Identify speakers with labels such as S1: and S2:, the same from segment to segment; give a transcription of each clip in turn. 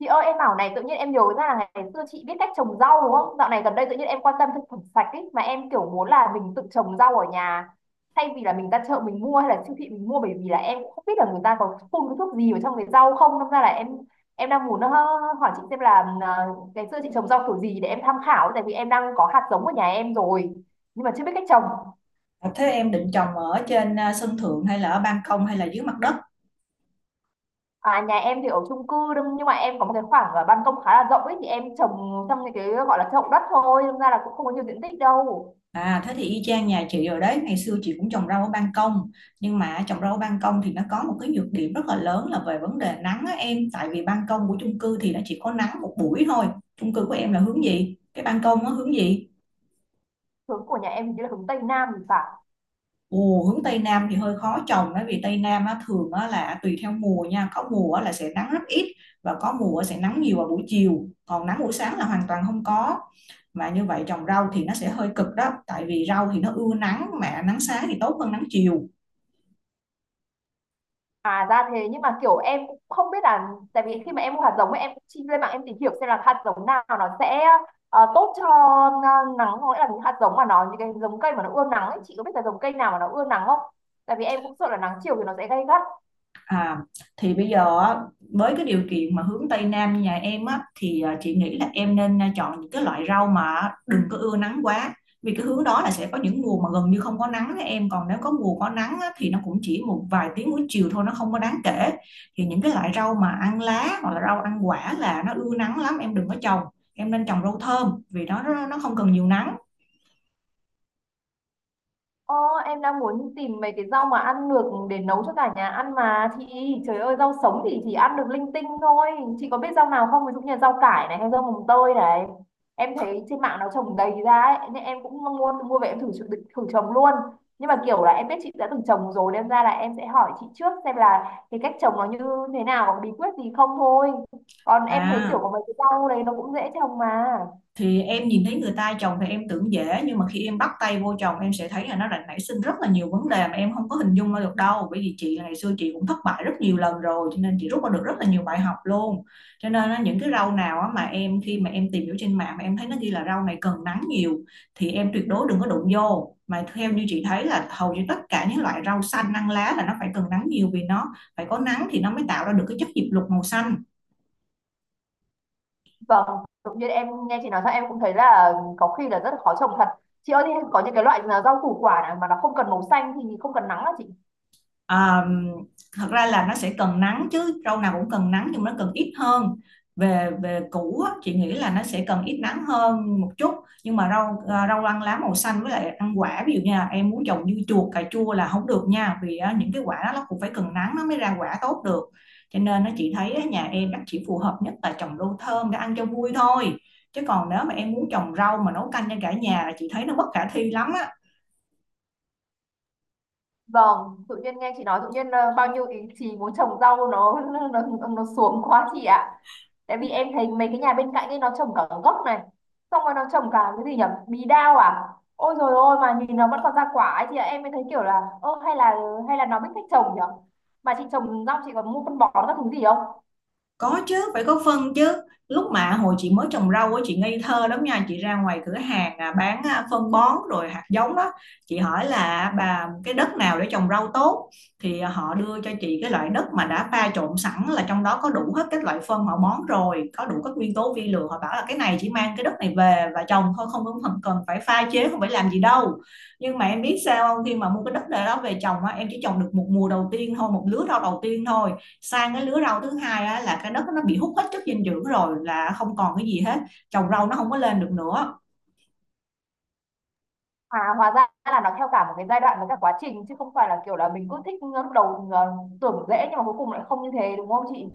S1: Chị ơi, em bảo này, tự nhiên em nhớ ra là ngày xưa chị biết cách trồng rau đúng không? Dạo này gần đây tự nhiên em quan tâm thực phẩm sạch ấy mà, em kiểu muốn là mình tự trồng rau ở nhà thay vì là mình ra chợ mình mua hay là siêu thị mình mua, bởi vì là em cũng không biết là người ta có phun cái thuốc gì vào trong cái rau không, nên ra là em đang muốn hỏi chị xem là ngày xưa chị trồng rau kiểu gì để em tham khảo, tại vì em đang có hạt giống ở nhà em rồi nhưng mà chưa biết cách trồng.
S2: À, thế em định trồng ở trên sân thượng hay là ở ban công hay là dưới mặt đất?
S1: À, nhà em thì ở chung cư nhưng mà em có một cái khoảng ban công khá là rộng ấy, thì em trồng trong những cái gọi là chậu đất thôi, nên ra là cũng không có nhiều diện tích đâu.
S2: À, thế thì y chang nhà chị rồi đấy. Ngày xưa chị cũng trồng rau ở ban công, nhưng mà trồng rau ở ban công thì nó có một cái nhược điểm rất là lớn là về vấn đề nắng á em, tại vì ban công của chung cư thì nó chỉ có nắng một buổi thôi. Chung cư của em là hướng gì? Cái ban công nó hướng gì?
S1: Hướng của nhà em hình như là hướng Tây Nam thì phải.
S2: Ồ, hướng Tây Nam thì hơi khó trồng đấy, vì Tây Nam á, thường á, là tùy theo mùa nha, có mùa á, là sẽ nắng rất ít, và có mùa sẽ nắng nhiều vào buổi chiều, còn nắng buổi sáng là hoàn toàn không có. Mà như vậy trồng rau thì nó sẽ hơi cực đó, tại vì rau thì nó ưa nắng mà nắng sáng thì tốt hơn nắng chiều.
S1: À ra thế, nhưng mà kiểu em cũng không biết là, tại vì khi mà em mua hạt giống ấy, em cũng chi lên mạng em tìm hiểu xem là hạt giống nào nó sẽ tốt cho nắng, có nghĩa là những hạt giống mà nó, những cái giống cây mà nó ưa nắng ấy, chị có biết là giống cây nào mà nó ưa nắng không? Tại vì em cũng sợ là nắng chiều thì nó sẽ gay gắt.
S2: À, thì bây giờ á, với cái điều kiện mà hướng Tây Nam như nhà em á thì chị nghĩ là em nên chọn những cái loại rau mà đừng có ưa nắng quá, vì cái hướng đó là sẽ có những mùa mà gần như không có nắng đấy em, còn nếu có mùa có nắng á, thì nó cũng chỉ một vài tiếng buổi chiều thôi, nó không có đáng kể. Thì những cái loại rau mà ăn lá hoặc là rau ăn quả là nó ưa nắng lắm em đừng có trồng. Em nên trồng rau thơm vì nó không cần nhiều nắng.
S1: Ồ, em đang muốn tìm mấy cái rau mà ăn được để nấu cho cả nhà ăn mà chị, trời ơi rau sống thì chỉ ăn được linh tinh thôi. Chị có biết rau nào không, ví dụ như là rau cải này hay rau mồng tơi này, em thấy trên mạng nó trồng đầy ra ấy, nên em cũng mua mua về em thử thử, thử trồng luôn. Nhưng mà kiểu là em biết chị đã từng trồng rồi, nên ra là em sẽ hỏi chị trước xem là cái cách trồng nó như thế nào, có bí quyết gì không thôi, còn em thấy kiểu
S2: à
S1: có mấy cái rau đấy nó cũng dễ trồng mà.
S2: thì em nhìn thấy người ta chồng thì em tưởng dễ, nhưng mà khi em bắt tay vô chồng em sẽ thấy là nó đã nảy sinh rất là nhiều vấn đề mà em không có hình dung ra được đâu, bởi vì chị ngày xưa chị cũng thất bại rất nhiều lần rồi cho nên chị rút ra được rất là nhiều bài học luôn. Cho nên á, những cái rau nào á mà em khi mà em tìm hiểu trên mạng mà em thấy nó ghi là rau này cần nắng nhiều thì em tuyệt đối đừng có đụng vô. Mà theo như chị thấy là hầu như tất cả những loại rau xanh ăn lá là nó phải cần nắng nhiều, vì nó phải có nắng thì nó mới tạo ra được cái chất diệp lục màu xanh.
S1: Vâng, tự nhiên em nghe chị nói ra em cũng thấy là có khi là rất là khó trồng thật. Chị ơi, thế có những cái loại là rau củ quả nào mà nó không cần màu xanh thì không cần nắng hả chị?
S2: À, thật ra là nó sẽ cần nắng chứ, rau nào cũng cần nắng nhưng nó cần ít hơn. Về về củ á, chị nghĩ là nó sẽ cần ít nắng hơn một chút. Nhưng mà rau ăn lá màu xanh với lại ăn quả, ví dụ như là em muốn trồng dưa chuột cà chua là không được nha, vì á, những cái quả đó nó cũng phải cần nắng nó mới ra quả tốt được. Cho nên chị thấy á, nhà em nó chỉ phù hợp nhất là trồng rau thơm để ăn cho vui thôi, chứ còn nếu mà em muốn trồng rau mà nấu canh cho cả nhà là chị thấy nó bất khả thi lắm á.
S1: Vâng, tự nhiên nghe chị nói tự nhiên bao nhiêu ý chí muốn trồng rau nó nó xuống quá chị ạ. Tại vì em thấy mấy cái nhà bên cạnh ấy nó trồng cả gốc này, xong rồi nó trồng cả cái gì nhỉ? Bí đao à? Ôi rồi ôi, mà nhìn nó vẫn còn ra quả ấy chị ạ. Em mới thấy kiểu là, ơ hay là nó biết cách trồng nhỉ? Mà chị trồng rau chị còn mua phân bón các thứ gì không?
S2: Có chứ, phải có phân chứ. Lúc mà hồi chị mới trồng rau á, chị ngây thơ lắm nha. Chị ra ngoài cửa hàng bán phân bón rồi hạt giống đó. Chị hỏi là bà cái đất nào để trồng rau tốt. Thì họ đưa cho chị cái loại đất mà đã pha trộn sẵn là trong đó có đủ hết các loại phân họ bón rồi. Có đủ các nguyên tố vi lượng. Họ bảo là cái này chỉ mang cái đất này về và trồng thôi. Không có cần phải pha chế, không phải làm gì đâu. Nhưng mà em biết sao không? Khi mà mua cái đất đó về trồng á, em chỉ trồng được một mùa đầu tiên thôi, một lứa rau đầu tiên thôi. Sang cái lứa rau thứ hai á, là cái đất nó bị hút hết chất dinh dưỡng rồi, là không còn cái gì hết, trồng rau nó không có lên được nữa.
S1: À, hóa ra là nó theo cả một cái giai đoạn với cả quá trình, chứ không phải là kiểu là mình cứ thích, lúc đầu tưởng dễ nhưng mà cuối cùng lại không như thế, đúng không chị?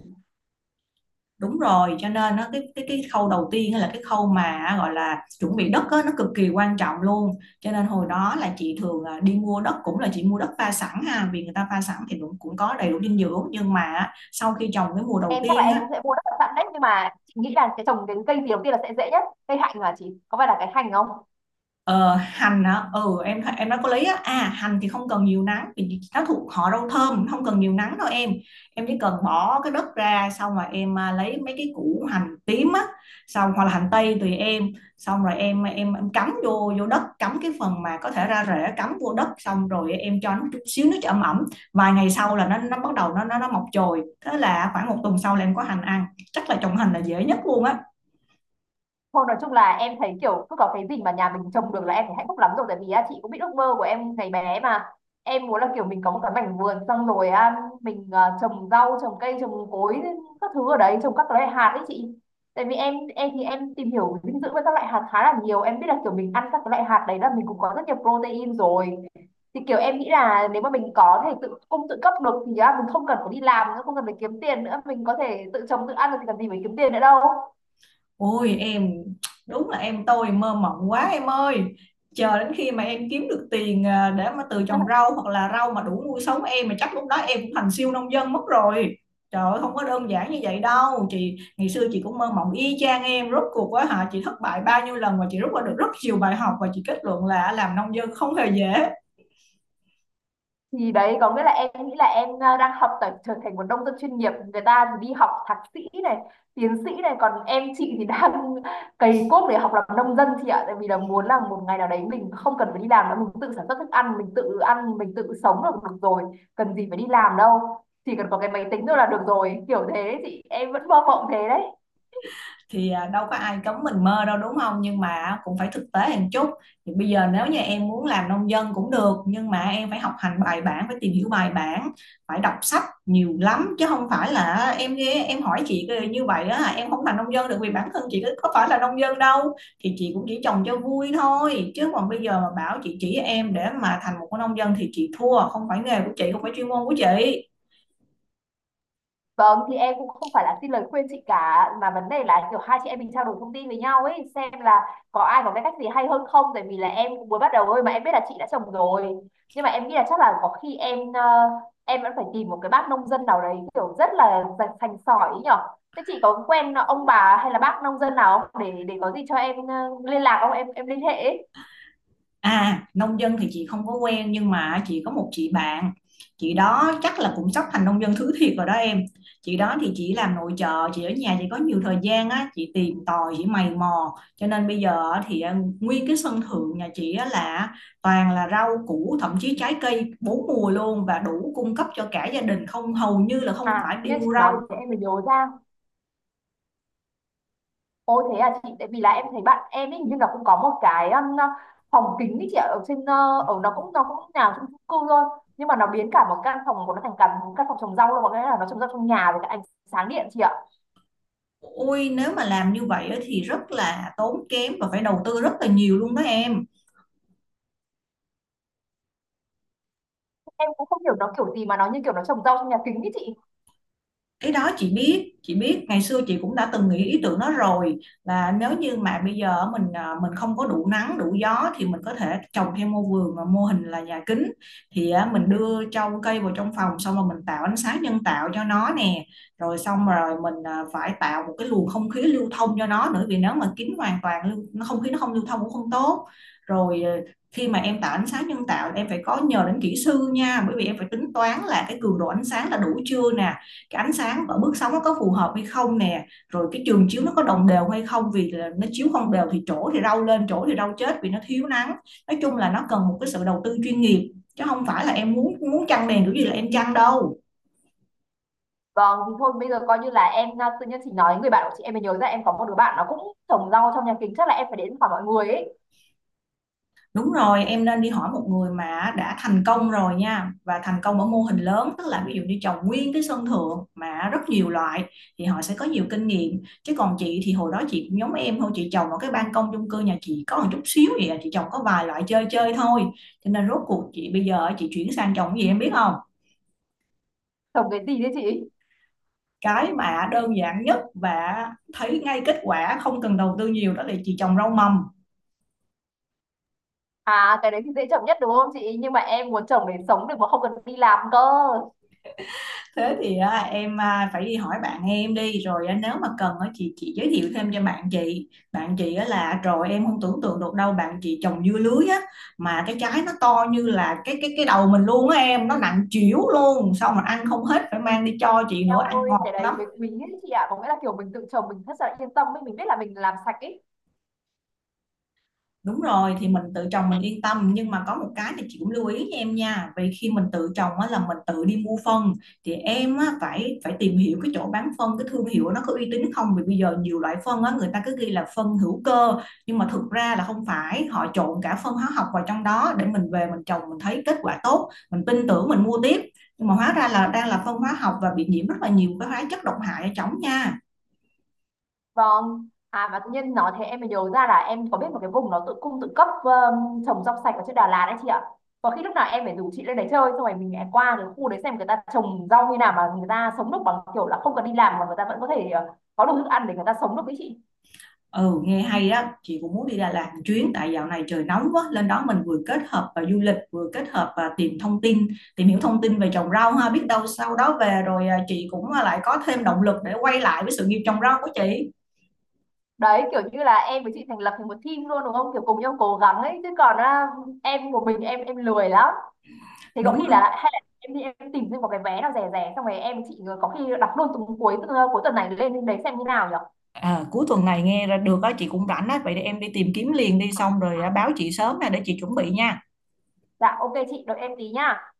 S2: Đúng rồi, cho nên nó cái khâu đầu tiên á là cái khâu mà gọi là chuẩn bị đất á, nó cực kỳ quan trọng luôn. Cho nên hồi đó là chị thường đi mua đất, cũng là chị mua đất pha sẵn ha, vì người ta pha sẵn thì cũng cũng có đầy đủ dinh dưỡng, nhưng mà á, sau khi trồng cái mùa đầu
S1: Em chắc là
S2: tiên
S1: em
S2: á.
S1: cũng sẽ mua đất sẵn đấy, nhưng mà chị nghĩ là cái trồng cái cây gì đầu tiên là sẽ dễ nhất? Cây hạnh, là chị có phải là cái hành không?
S2: Ờ, hành hả? Ừ, em đã có lấy á. À, hành thì không cần nhiều nắng vì nó thuộc họ rau thơm, không cần nhiều nắng đâu em. Em chỉ cần bỏ cái đất ra, xong rồi em lấy mấy cái củ hành tím á, xong hoặc là hành tây tùy em, xong rồi em cắm vô vô đất, cắm cái phần mà có thể ra rễ cắm vô đất, xong rồi em cho nó chút xíu nước cho ẩm ẩm. Vài ngày sau là nó bắt đầu nó mọc chồi. Thế là khoảng một tuần sau là em có hành ăn. Chắc là trồng hành là dễ nhất luôn á.
S1: Thôi nói chung là em thấy kiểu cứ có cái gì mà nhà mình trồng được là em thấy hạnh phúc lắm rồi, tại vì á, chị cũng biết ước mơ của em ngày bé mà, em muốn là kiểu mình có một cái mảnh vườn, xong rồi á, mình à, trồng rau trồng cây trồng cối các thứ ở đấy, trồng các loại hạt đấy chị, tại vì em thì em tìm hiểu dinh dưỡng với các loại hạt khá là nhiều, em biết là kiểu mình ăn các cái loại hạt đấy là mình cũng có rất nhiều protein rồi, thì kiểu em nghĩ là nếu mà mình có thể tự cung tự cấp được thì á, mình không cần phải đi làm nữa, không cần phải kiếm tiền nữa, mình có thể tự trồng tự ăn được thì cần gì phải kiếm tiền nữa đâu.
S2: Ôi em, đúng là em tôi mơ mộng quá em ơi. Chờ đến khi mà em kiếm được tiền để mà từ trồng rau hoặc là rau mà đủ nuôi sống em mà, chắc lúc đó em cũng thành siêu nông dân mất rồi. Trời ơi, không có đơn giản như vậy đâu. Chị ngày xưa chị cũng mơ mộng y chang em, rốt cuộc á hả, chị thất bại bao nhiêu lần, và chị rút ra được rất nhiều bài học, và chị kết luận là làm nông dân không hề dễ.
S1: Thì đấy, có nghĩa là em nghĩ là em à, đang học tập trở thành một nông dân chuyên nghiệp, người ta thì đi học thạc sĩ này, tiến sĩ này, còn em chị thì đang cày cuốc để học làm nông dân chị ạ, tại vì là muốn là một ngày nào đấy mình không cần phải đi làm nữa, mình tự sản xuất thức ăn, mình tự ăn mình tự sống là được rồi, cần gì phải đi làm đâu, chỉ cần có cái máy tính thôi là được rồi, kiểu thế, chị em vẫn mơ mộng thế đấy.
S2: Thì đâu có ai cấm mình mơ đâu đúng không, nhưng mà cũng phải thực tế một chút. Thì bây giờ nếu như em muốn làm nông dân cũng được, nhưng mà em phải học hành bài bản, phải tìm hiểu bài bản, phải đọc sách nhiều lắm, chứ không phải là em hỏi chị như vậy á em không làm nông dân được, vì bản thân chị có phải là nông dân đâu. Thì chị cũng chỉ trồng cho vui thôi, chứ còn bây giờ mà bảo chị chỉ em để mà thành một cái nông dân thì chị thua, không phải nghề của chị, không phải chuyên môn của chị.
S1: Vâng, thì em cũng không phải là xin lời khuyên chị cả, mà vấn đề là kiểu hai chị em mình trao đổi thông tin với nhau ấy, xem là có ai có cái cách gì hay hơn không, tại vì là em cũng mới bắt đầu thôi, mà em biết là chị đã chồng rồi. Nhưng mà em nghĩ là chắc là có khi em em vẫn phải tìm một cái bác nông dân nào đấy kiểu rất là sành sành sỏi ấy nhở. Thế chị có quen ông bà hay là bác nông dân nào không, để để có gì cho em liên lạc không, em liên hệ ấy.
S2: À, nông dân thì chị không có quen, nhưng mà chị có một chị bạn. Chị đó chắc là cũng sắp thành nông dân thứ thiệt rồi đó em. Chị đó thì chị làm nội trợ, chị ở nhà chị có nhiều thời gian á, chị tìm tòi, chị mày mò. Cho nên bây giờ á thì nguyên cái sân thượng nhà chị á là toàn là rau củ, thậm chí trái cây bốn mùa luôn, và đủ cung cấp cho cả gia đình, không hầu như là không
S1: À
S2: phải đi
S1: nhưng chị
S2: mua rau.
S1: nói thì em mới nhớ ra. Ôi thế à chị, tại vì là em thấy bạn em ấy hình như là cũng có một cái phòng kính ấy chị ạ, ở trên ở, nó cũng nào chung chung cư thôi, nhưng mà nó biến cả một căn phòng của nó thành cả một căn phòng trồng rau luôn, có nghĩa là nó trồng rau trong nhà với cả ánh sáng điện chị ạ.
S2: Ôi, nếu mà làm như vậy á thì rất là tốn kém và phải đầu tư rất là nhiều luôn đó em.
S1: Em cũng không hiểu nó kiểu gì, mà nó như kiểu nó trồng rau trong nhà kính ấy chị.
S2: Cái đó chị biết, chị biết ngày xưa chị cũng đã từng nghĩ ý tưởng đó rồi, là nếu như mà bây giờ mình không có đủ nắng đủ gió thì mình có thể trồng thêm mô vườn mà mô hình là nhà kính. Thì mình đưa trong cây vào trong phòng, xong rồi mình tạo ánh sáng nhân tạo cho nó nè. Rồi xong rồi mình phải tạo một cái luồng không khí lưu thông cho nó nữa, vì nếu mà kín hoàn toàn lưu nó không khí nó không lưu thông cũng không tốt. Rồi khi mà em tạo ánh sáng nhân tạo em phải có nhờ đến kỹ sư nha, bởi vì em phải tính toán là cái cường độ ánh sáng là đủ chưa nè, cái ánh sáng và bước sóng nó có phù hợp hay không nè, rồi cái trường chiếu nó có đồng đều hay không, vì là nó chiếu không đều thì chỗ thì rau lên chỗ thì rau chết vì nó thiếu nắng. Nói chung là nó cần một cái sự đầu tư chuyên nghiệp, chứ không phải là em muốn muốn chăng đèn kiểu gì là em chăng đâu.
S1: Vâng thì thôi bây giờ coi như là em tự nhiên chị nói người bạn của chị em mới nhớ ra, em có một đứa bạn nó cũng trồng rau trong nhà kính, chắc là em phải đến hỏi mọi người ấy.
S2: Đúng rồi, em nên đi hỏi một người mà đã thành công rồi nha, và thành công ở mô hình lớn, tức là ví dụ như trồng nguyên cái sân thượng mà rất nhiều loại thì họ sẽ có nhiều kinh nghiệm. Chứ còn chị thì hồi đó chị cũng giống em thôi, chị trồng ở cái ban công chung cư nhà chị có một chút xíu vậy chị trồng có vài loại chơi chơi thôi. Cho nên rốt cuộc chị bây giờ chị chuyển sang trồng cái gì em biết không?
S1: Trồng cái gì đấy chị?
S2: Cái mà đơn giản nhất và thấy ngay kết quả không cần đầu tư nhiều đó là chị trồng rau mầm.
S1: À cái đấy thì dễ trồng nhất đúng không chị? Nhưng mà em muốn trồng để sống được mà không cần đi làm cơ.
S2: Thế thì em phải đi hỏi bạn em đi, rồi nếu mà cần á, chị giới thiệu thêm cho bạn chị, bạn chị á là rồi em không tưởng tượng được đâu, bạn chị trồng dưa lưới á, mà cái trái nó to như là cái đầu mình luôn á em, nó nặng chịu luôn, xong mà ăn không hết phải mang đi cho chị nữa,
S1: Eo
S2: ăn
S1: ơi, cái
S2: ngọt
S1: đấy
S2: lắm.
S1: mới quý ấy chị ạ, có nghĩa là kiểu mình tự trồng mình rất là yên tâm ấy, mình biết là mình làm sạch ấy.
S2: Đúng rồi, thì mình tự trồng mình yên tâm, nhưng mà có một cái thì chị cũng lưu ý nha em nha, vì khi mình tự trồng á, là mình tự đi mua phân. Thì em á, phải phải tìm hiểu cái chỗ bán phân, cái thương hiệu nó có uy tín không, vì bây giờ nhiều loại phân á, người ta cứ ghi là phân hữu cơ, nhưng mà thực ra là không phải, họ trộn cả phân hóa học vào trong đó để mình về mình trồng mình thấy kết quả tốt, mình tin tưởng mình mua tiếp, nhưng mà hóa ra là đang là phân hóa học và bị nhiễm rất là nhiều cái hóa chất độc hại ở trong nha.
S1: Vâng. À mà tự nhiên nói thế em mới nhớ ra là em có biết một cái vùng nó tự cung tự cấp, trồng rau sạch ở trên Đà Lạt đấy chị ạ. Có khi lúc nào em phải rủ chị lên đấy chơi, xong rồi mình lại qua cái khu đấy xem người ta trồng rau như nào mà người ta sống được bằng kiểu là không cần đi làm mà người ta vẫn có thể có đủ thức ăn để người ta sống được đấy chị.
S2: Ừ, nghe hay đó, chị cũng muốn đi Đà Lạt một chuyến, tại dạo này trời nóng quá, lên đó mình vừa kết hợp và du lịch, vừa kết hợp và tìm thông tin, tìm hiểu thông tin về trồng rau ha, biết đâu sau đó về rồi chị cũng lại có thêm động lực để quay lại với sự nghiệp trồng rau của chị.
S1: Đấy, kiểu như là em với chị thành lập thành một team luôn đúng không? Kiểu cùng nhau cố gắng ấy, chứ còn à, em một mình em lười lắm. Thế có
S2: Đúng
S1: khi
S2: rồi.
S1: là hay là em đi em tìm thêm một cái vé nào rẻ rẻ, xong rồi em chị có khi đọc luôn, từ cuối tuần này lên đấy xem như nào nhở.
S2: À, cuối tuần này nghe ra được á, chị cũng rảnh á, vậy để em đi tìm kiếm liền đi, xong rồi báo chị sớm nè để chị chuẩn bị nha.
S1: Dạ ok chị, đợi em tí nhá.